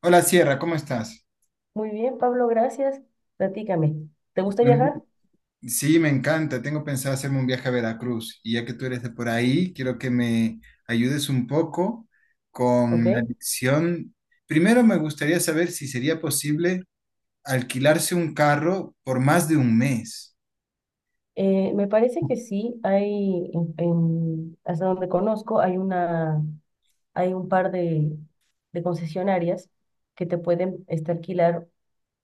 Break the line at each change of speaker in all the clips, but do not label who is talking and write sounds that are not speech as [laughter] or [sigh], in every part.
Hola Sierra, ¿cómo estás?
Muy bien, Pablo, gracias. Platícame. ¿Te gusta viajar?
Sí, me encanta. Tengo pensado hacerme un viaje a Veracruz y ya que tú eres de por ahí, quiero que me ayudes un poco con la
Ok.
elección. Primero me gustaría saber si sería posible alquilarse un carro por más de un mes.
Me parece que sí, hay, hasta donde conozco, hay un par de, concesionarias que te pueden alquilar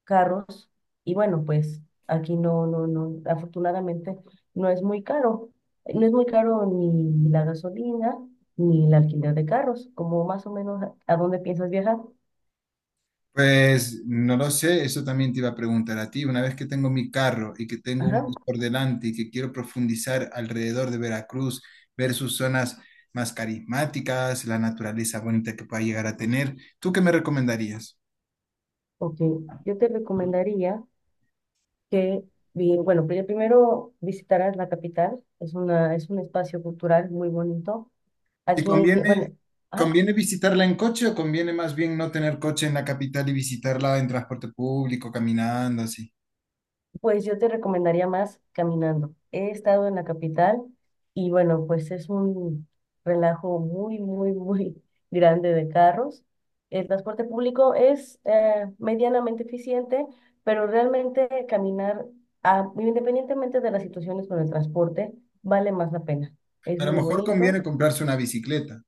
carros. Y bueno, pues aquí no, no, no, afortunadamente no es muy caro. No es muy caro ni la gasolina ni el alquiler de carros, como más o menos a dónde piensas viajar.
Pues no lo sé, eso también te iba a preguntar a ti. Una vez que tengo mi carro y que tengo un
Ajá.
mes por delante y que quiero profundizar alrededor de Veracruz, ver sus zonas más carismáticas, la naturaleza bonita que pueda llegar a tener, ¿tú qué me recomendarías?
Ok. Yo te recomendaría que bueno, primero visitarás la capital, es un espacio cultural muy bonito.
¿Y
Aquí,
conviene,
bueno, ah,
conviene visitarla en coche o conviene más bien no tener coche en la capital y visitarla en transporte público, caminando así?
pues yo te recomendaría más caminando. He estado en la capital y bueno, pues es un relajo muy, muy, muy [laughs] grande de carros. El transporte público es medianamente eficiente, pero realmente caminar, independientemente de las situaciones con el transporte, vale más la pena. Es
A lo
muy
mejor conviene
bonito.
comprarse una bicicleta.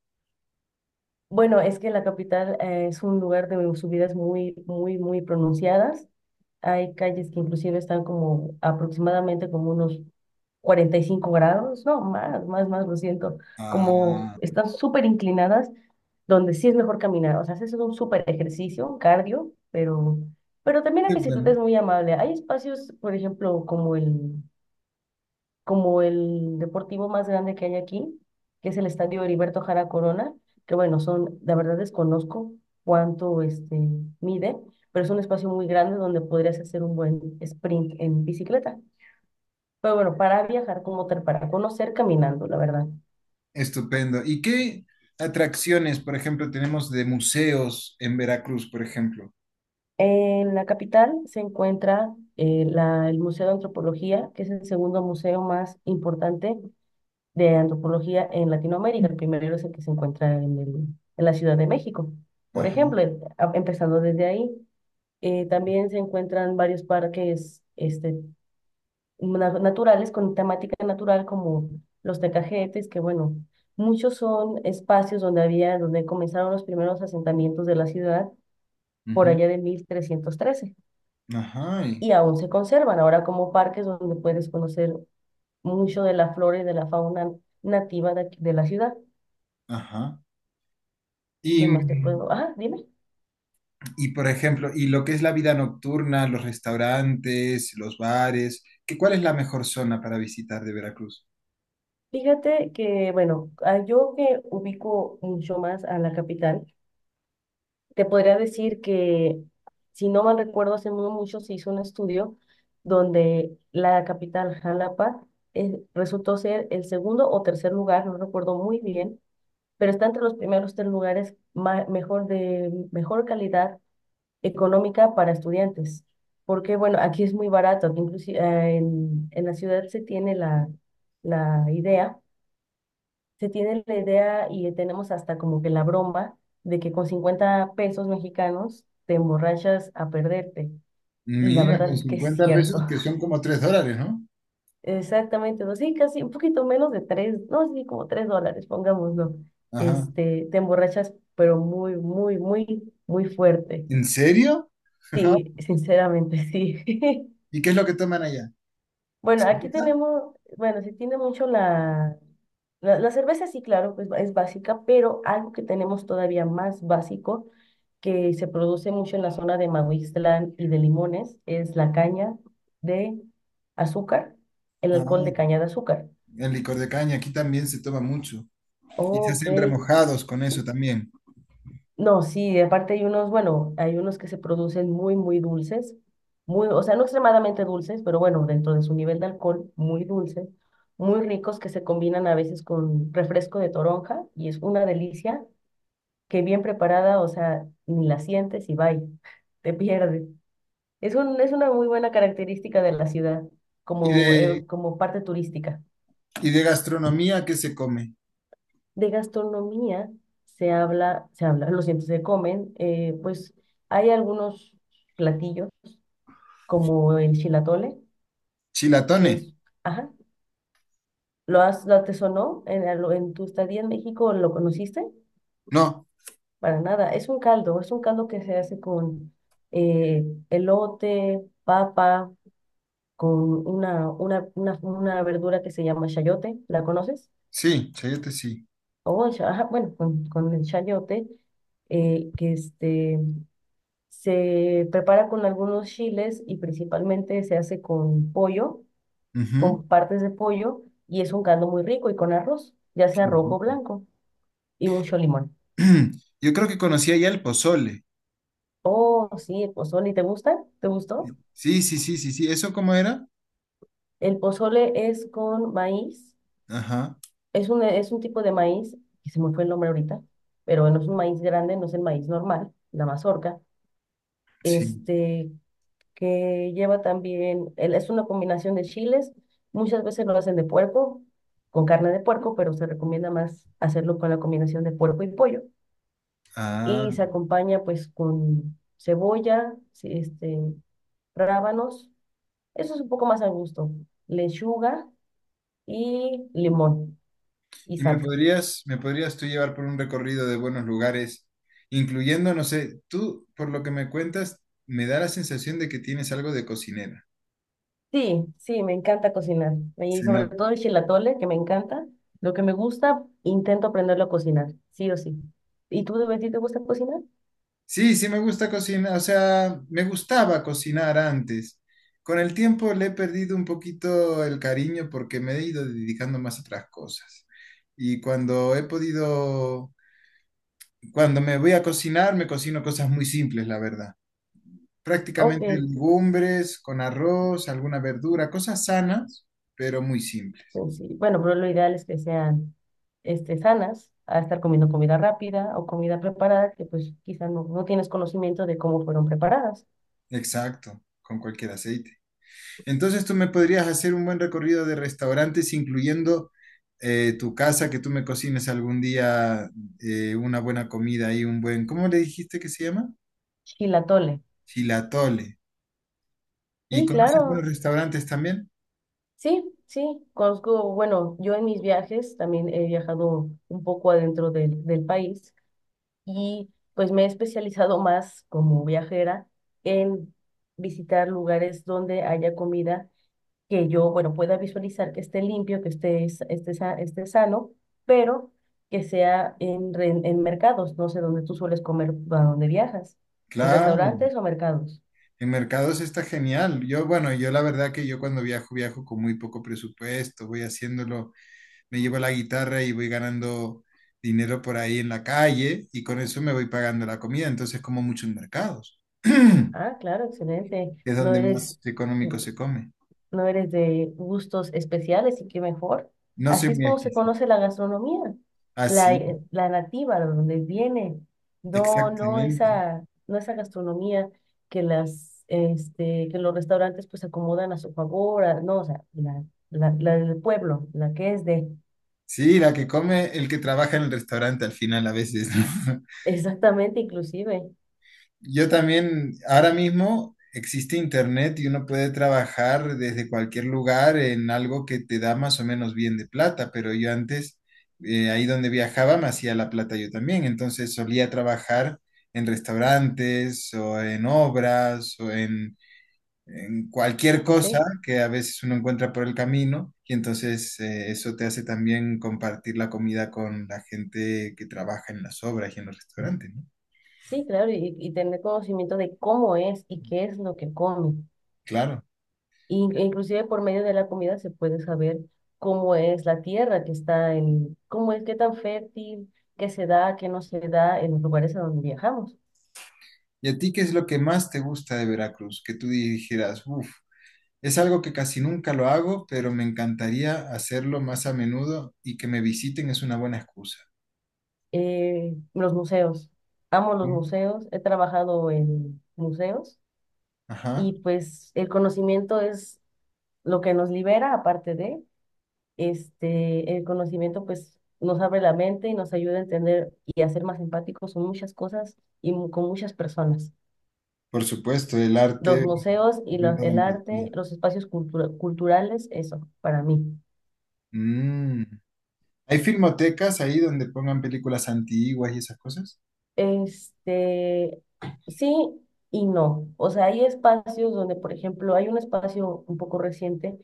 Bueno, es que la capital es un lugar de subidas muy, muy, muy pronunciadas. Hay calles que inclusive están como aproximadamente como unos 45 grados, no, más, más, más, lo siento, como
Ah,
están súper inclinadas, donde sí es mejor caminar. O sea, haces un súper ejercicio, un cardio, pero, también la
qué
bicicleta
bueno.
es muy amable. Hay espacios, por ejemplo, como el deportivo más grande que hay aquí, que es el Estadio Heriberto Jara Corona, que bueno, son, la verdad desconozco cuánto mide, pero es un espacio muy grande donde podrías hacer un buen sprint en bicicleta. Pero bueno, para viajar como tal, para conocer caminando, la verdad.
Estupendo. ¿Y qué atracciones, por ejemplo, tenemos de museos en Veracruz, por ejemplo?
En la capital se encuentra el Museo de Antropología, que es el segundo museo más importante de antropología en Latinoamérica. El primero es el que se encuentra en la Ciudad de México, por
Ajá,
ejemplo, empezando desde ahí. También se encuentran varios parques naturales con temática natural como los Tecajetes, que bueno, muchos son espacios donde comenzaron los primeros asentamientos de la ciudad por
ujú,
allá de 1313
ajá, y-
y aún se conservan ahora como parques donde puedes conocer mucho de la flora y de la fauna nativa de la ciudad.
ajá.
¿Qué
Y,
más te puedo? Ah, dime.
por ejemplo, y lo que es la vida nocturna, los restaurantes, los bares, ¿ cuál es la mejor zona para visitar de Veracruz?
Fíjate que, bueno, yo que ubico mucho más a la capital, te podría decir que, si no mal recuerdo, hace no mucho se hizo un estudio donde la capital, Jalapa, resultó ser el segundo o tercer lugar, no recuerdo muy bien, pero está entre los primeros tres lugares mejor calidad económica para estudiantes, porque bueno, aquí es muy barato, aquí inclusive en la ciudad se tiene la idea, se tiene la idea y tenemos hasta como que la broma de que con 50 pesos mexicanos te emborrachas a perderte. Y la
Mira,
verdad
con
es que es
cincuenta
cierto.
pesos que son como 3 dólares, ¿no?
[laughs] Exactamente, no, sí, casi un poquito menos de tres, no, sí, como 3 dólares, pongámoslo.
Ajá.
Te emborrachas, pero muy, muy, muy, muy fuerte.
¿En serio? Ajá.
Sí, sinceramente, sí. [laughs]
¿Y qué es lo que toman allá?
Bueno, aquí
¿Cerveza?
tenemos, bueno, sí tiene mucho la cerveza, sí, claro, pues es básica, pero algo que tenemos todavía más básico, que se produce mucho en la zona de Maguixtlán y de Limones, es la caña de azúcar, el alcohol de
Ah,
caña de azúcar.
el licor de caña, aquí también se toma mucho. Y se
Ok.
hacen remojados con eso también.
No, sí, aparte hay unos, bueno, hay unos que se producen muy, muy dulces, muy, o sea, no extremadamente dulces, pero bueno, dentro de su nivel de alcohol, muy dulces, muy ricos que se combinan a veces con refresco de toronja y es una delicia que bien preparada, o sea, ni la sientes y bye, [laughs] te pierdes. Es una muy buena característica de la ciudad
¿Y de,
como parte turística.
¿Y de gastronomía qué se come?
De gastronomía se habla, lo siento, se comen, pues hay algunos platillos como el chilatole, que
¿Chilatone?
es, ajá, ¿lo te sonó en tu estadía en México? ¿Lo conociste?
No,
Para nada, es un caldo, que se hace con eh, elote, papa, con una verdura que se llama chayote, ¿la conoces?
sí, chayate sí.
Ajá, bueno, con el chayote, que este Se prepara con algunos chiles y principalmente se hace con pollo,
Ujú.
con partes de pollo, y es un caldo muy rico y con arroz, ya
Qué
sea rojo o
rico.
blanco, y mucho limón.
[clears throat] Yo creo que conocía ya el pozole.
Oh, sí, el pozole, ¿te gusta? ¿Te gustó?
Sí, sí, sí, sí, sí. ¿Eso cómo era?
El pozole es con maíz,
Ajá,
es un tipo de maíz, que se me fue el nombre ahorita, pero no es un maíz grande, no es el maíz normal, la mazorca,
sí.
este, que lleva también, es una combinación de chiles, muchas veces lo hacen de puerco, con carne de puerco, pero se recomienda más hacerlo con la combinación de puerco y pollo. Y se
Ah.
acompaña pues con cebolla, sí, rábanos, eso es un poco más a gusto, lechuga y limón y
¿Y me
salsa.
podrías, me podrías tú llevar por un recorrido de buenos lugares, incluyendo, no sé, tú, por lo que me cuentas, me da la sensación de que tienes algo de cocinera.
Sí, sí, me encanta cocinar. Y
Se
sobre
nota.
todo el chilatole, que me encanta. Lo que me gusta, intento aprenderlo a cocinar, sí o sí. ¿Y tú, de ti te gusta cocinar?
Sí, sí me gusta cocinar, o sea, me gustaba cocinar antes. Con el tiempo le he perdido un poquito el cariño porque me he ido dedicando más a otras cosas. Y cuando he podido, cuando me voy a cocinar, me cocino cosas muy simples, la verdad. Prácticamente
Ok,
legumbres con arroz, alguna verdura, cosas sanas, pero muy simples.
pues sí. Bueno, pero lo ideal es que sean sanas, a estar comiendo comida rápida o comida preparada que pues quizá no tienes conocimiento de cómo fueron preparadas.
Exacto, con cualquier aceite. Entonces tú me podrías hacer un buen recorrido de restaurantes, incluyendo tu casa, que tú me cocines algún día una buena comida y un buen, ¿cómo le dijiste que se llama?
Chilatole.
Chilatole. ¿Y
Sí,
conoces buenos
claro.
restaurantes también?
Sí, sí. Conozco, bueno, yo en mis viajes también he viajado un poco adentro del país y pues me he especializado más como viajera en visitar lugares donde haya comida que yo, bueno, pueda visualizar que esté limpio, que esté, s- esté, sa- esté sano, pero que sea en mercados, no sé dónde tú sueles comer, a dónde viajas, en
Claro,
restaurantes o mercados.
en mercados está genial. Yo, bueno, yo la verdad que yo cuando viajo, viajo con muy poco presupuesto, voy haciéndolo, me llevo la guitarra y voy ganando dinero por ahí en la calle y con eso me voy pagando la comida. Entonces como mucho en mercados. [clears throat]
Ah, claro, excelente.
Es
No
donde
eres,
más económico se come.
de gustos especiales y qué mejor.
No
Así
soy
es
muy
como se
exquisito.
conoce la gastronomía,
Así,
la nativa, de donde viene. No,
exactamente.
no esa gastronomía que que los restaurantes pues acomodan a su favor, no, o sea, la del pueblo, la que es de,
Sí, la que come el que trabaja en el restaurante al final a veces, ¿no? [laughs]
[laughs] exactamente, inclusive,
Yo también, ahora mismo existe internet y uno puede trabajar desde cualquier lugar en algo que te da más o menos bien de plata, pero yo antes, ahí donde viajaba, me hacía la plata yo también, entonces solía trabajar en restaurantes o en obras en cualquier
¿ok?
cosa que a veces uno encuentra por el camino y entonces eso te hace también compartir la comida con la gente que trabaja en las obras y en los restaurantes, ¿no?
Sí, claro, y tener conocimiento de cómo es y qué es lo que come.
Claro.
Inclusive por medio de la comida se puede saber cómo es la tierra que está en, cómo es, qué tan fértil, qué se da, qué no se da en los lugares a donde viajamos.
¿Y a ti qué es lo que más te gusta de Veracruz? Que tú dijeras, uff, es algo que casi nunca lo hago, pero me encantaría hacerlo más a menudo y que me visiten es una buena excusa.
Los museos. Amo los
Mm.
museos, he trabajado en museos y
Ajá,
pues el conocimiento es lo que nos libera, aparte de, el conocimiento pues nos abre la mente y nos ayuda a entender y a ser más empáticos con muchas cosas y con muchas personas.
por supuesto, el
Los
arte
museos y
aumenta la
el arte,
empatía.
los espacios culturales, eso, para mí.
Mm. ¿Hay filmotecas ahí donde pongan películas antiguas y esas cosas?
Este, sí y no. O sea, hay espacios donde, por ejemplo, hay un espacio un poco reciente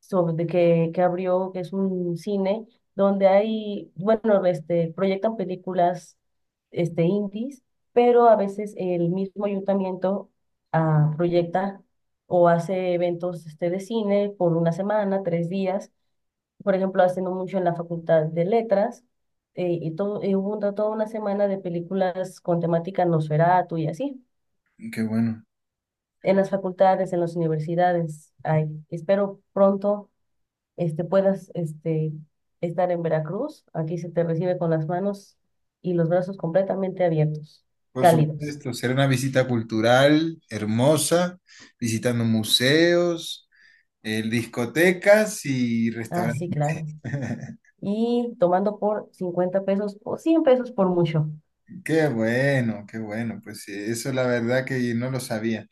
sobre que abrió, que es un cine, donde hay, bueno, proyectan películas, indies, pero a veces el mismo ayuntamiento proyecta o hace eventos, de cine por una semana, 3 días por ejemplo, haciendo mucho en la Facultad de Letras, y, todo, y hubo toda una semana de películas con temática Nosferatu y así,
Qué bueno.
en las facultades, en las universidades. Ay, espero pronto puedas estar en Veracruz. Aquí se te recibe con las manos y los brazos completamente abiertos,
Por
cálidos.
supuesto, será una visita cultural hermosa, visitando museos, discotecas y
Ah,
restaurantes.
sí, claro.
[laughs]
Y tomando por 50 pesos o 100 pesos por mucho.
Qué bueno, pues sí, eso la verdad que no lo sabía,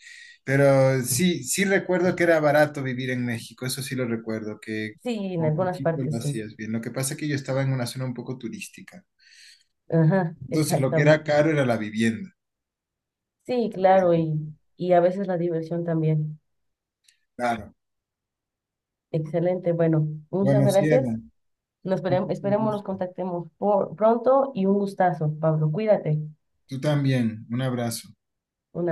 pero sí, sí recuerdo que era barato vivir en México, eso sí lo recuerdo, que
Sí, en
con
algunas
poquito lo
partes sí.
hacías bien. Lo que pasa es que yo estaba en una zona un poco turística,
Ajá,
entonces lo que era
exactamente.
caro era la vivienda,
Sí,
porque,
claro, y a veces la diversión también.
claro.
Excelente. Bueno, muchas
Bueno,
gracias.
Sierra,
Nos esperemos, esperemos nos contactemos por, pronto y un gustazo, Pablo. Cuídate.
tú también, un abrazo.
Un abrazo.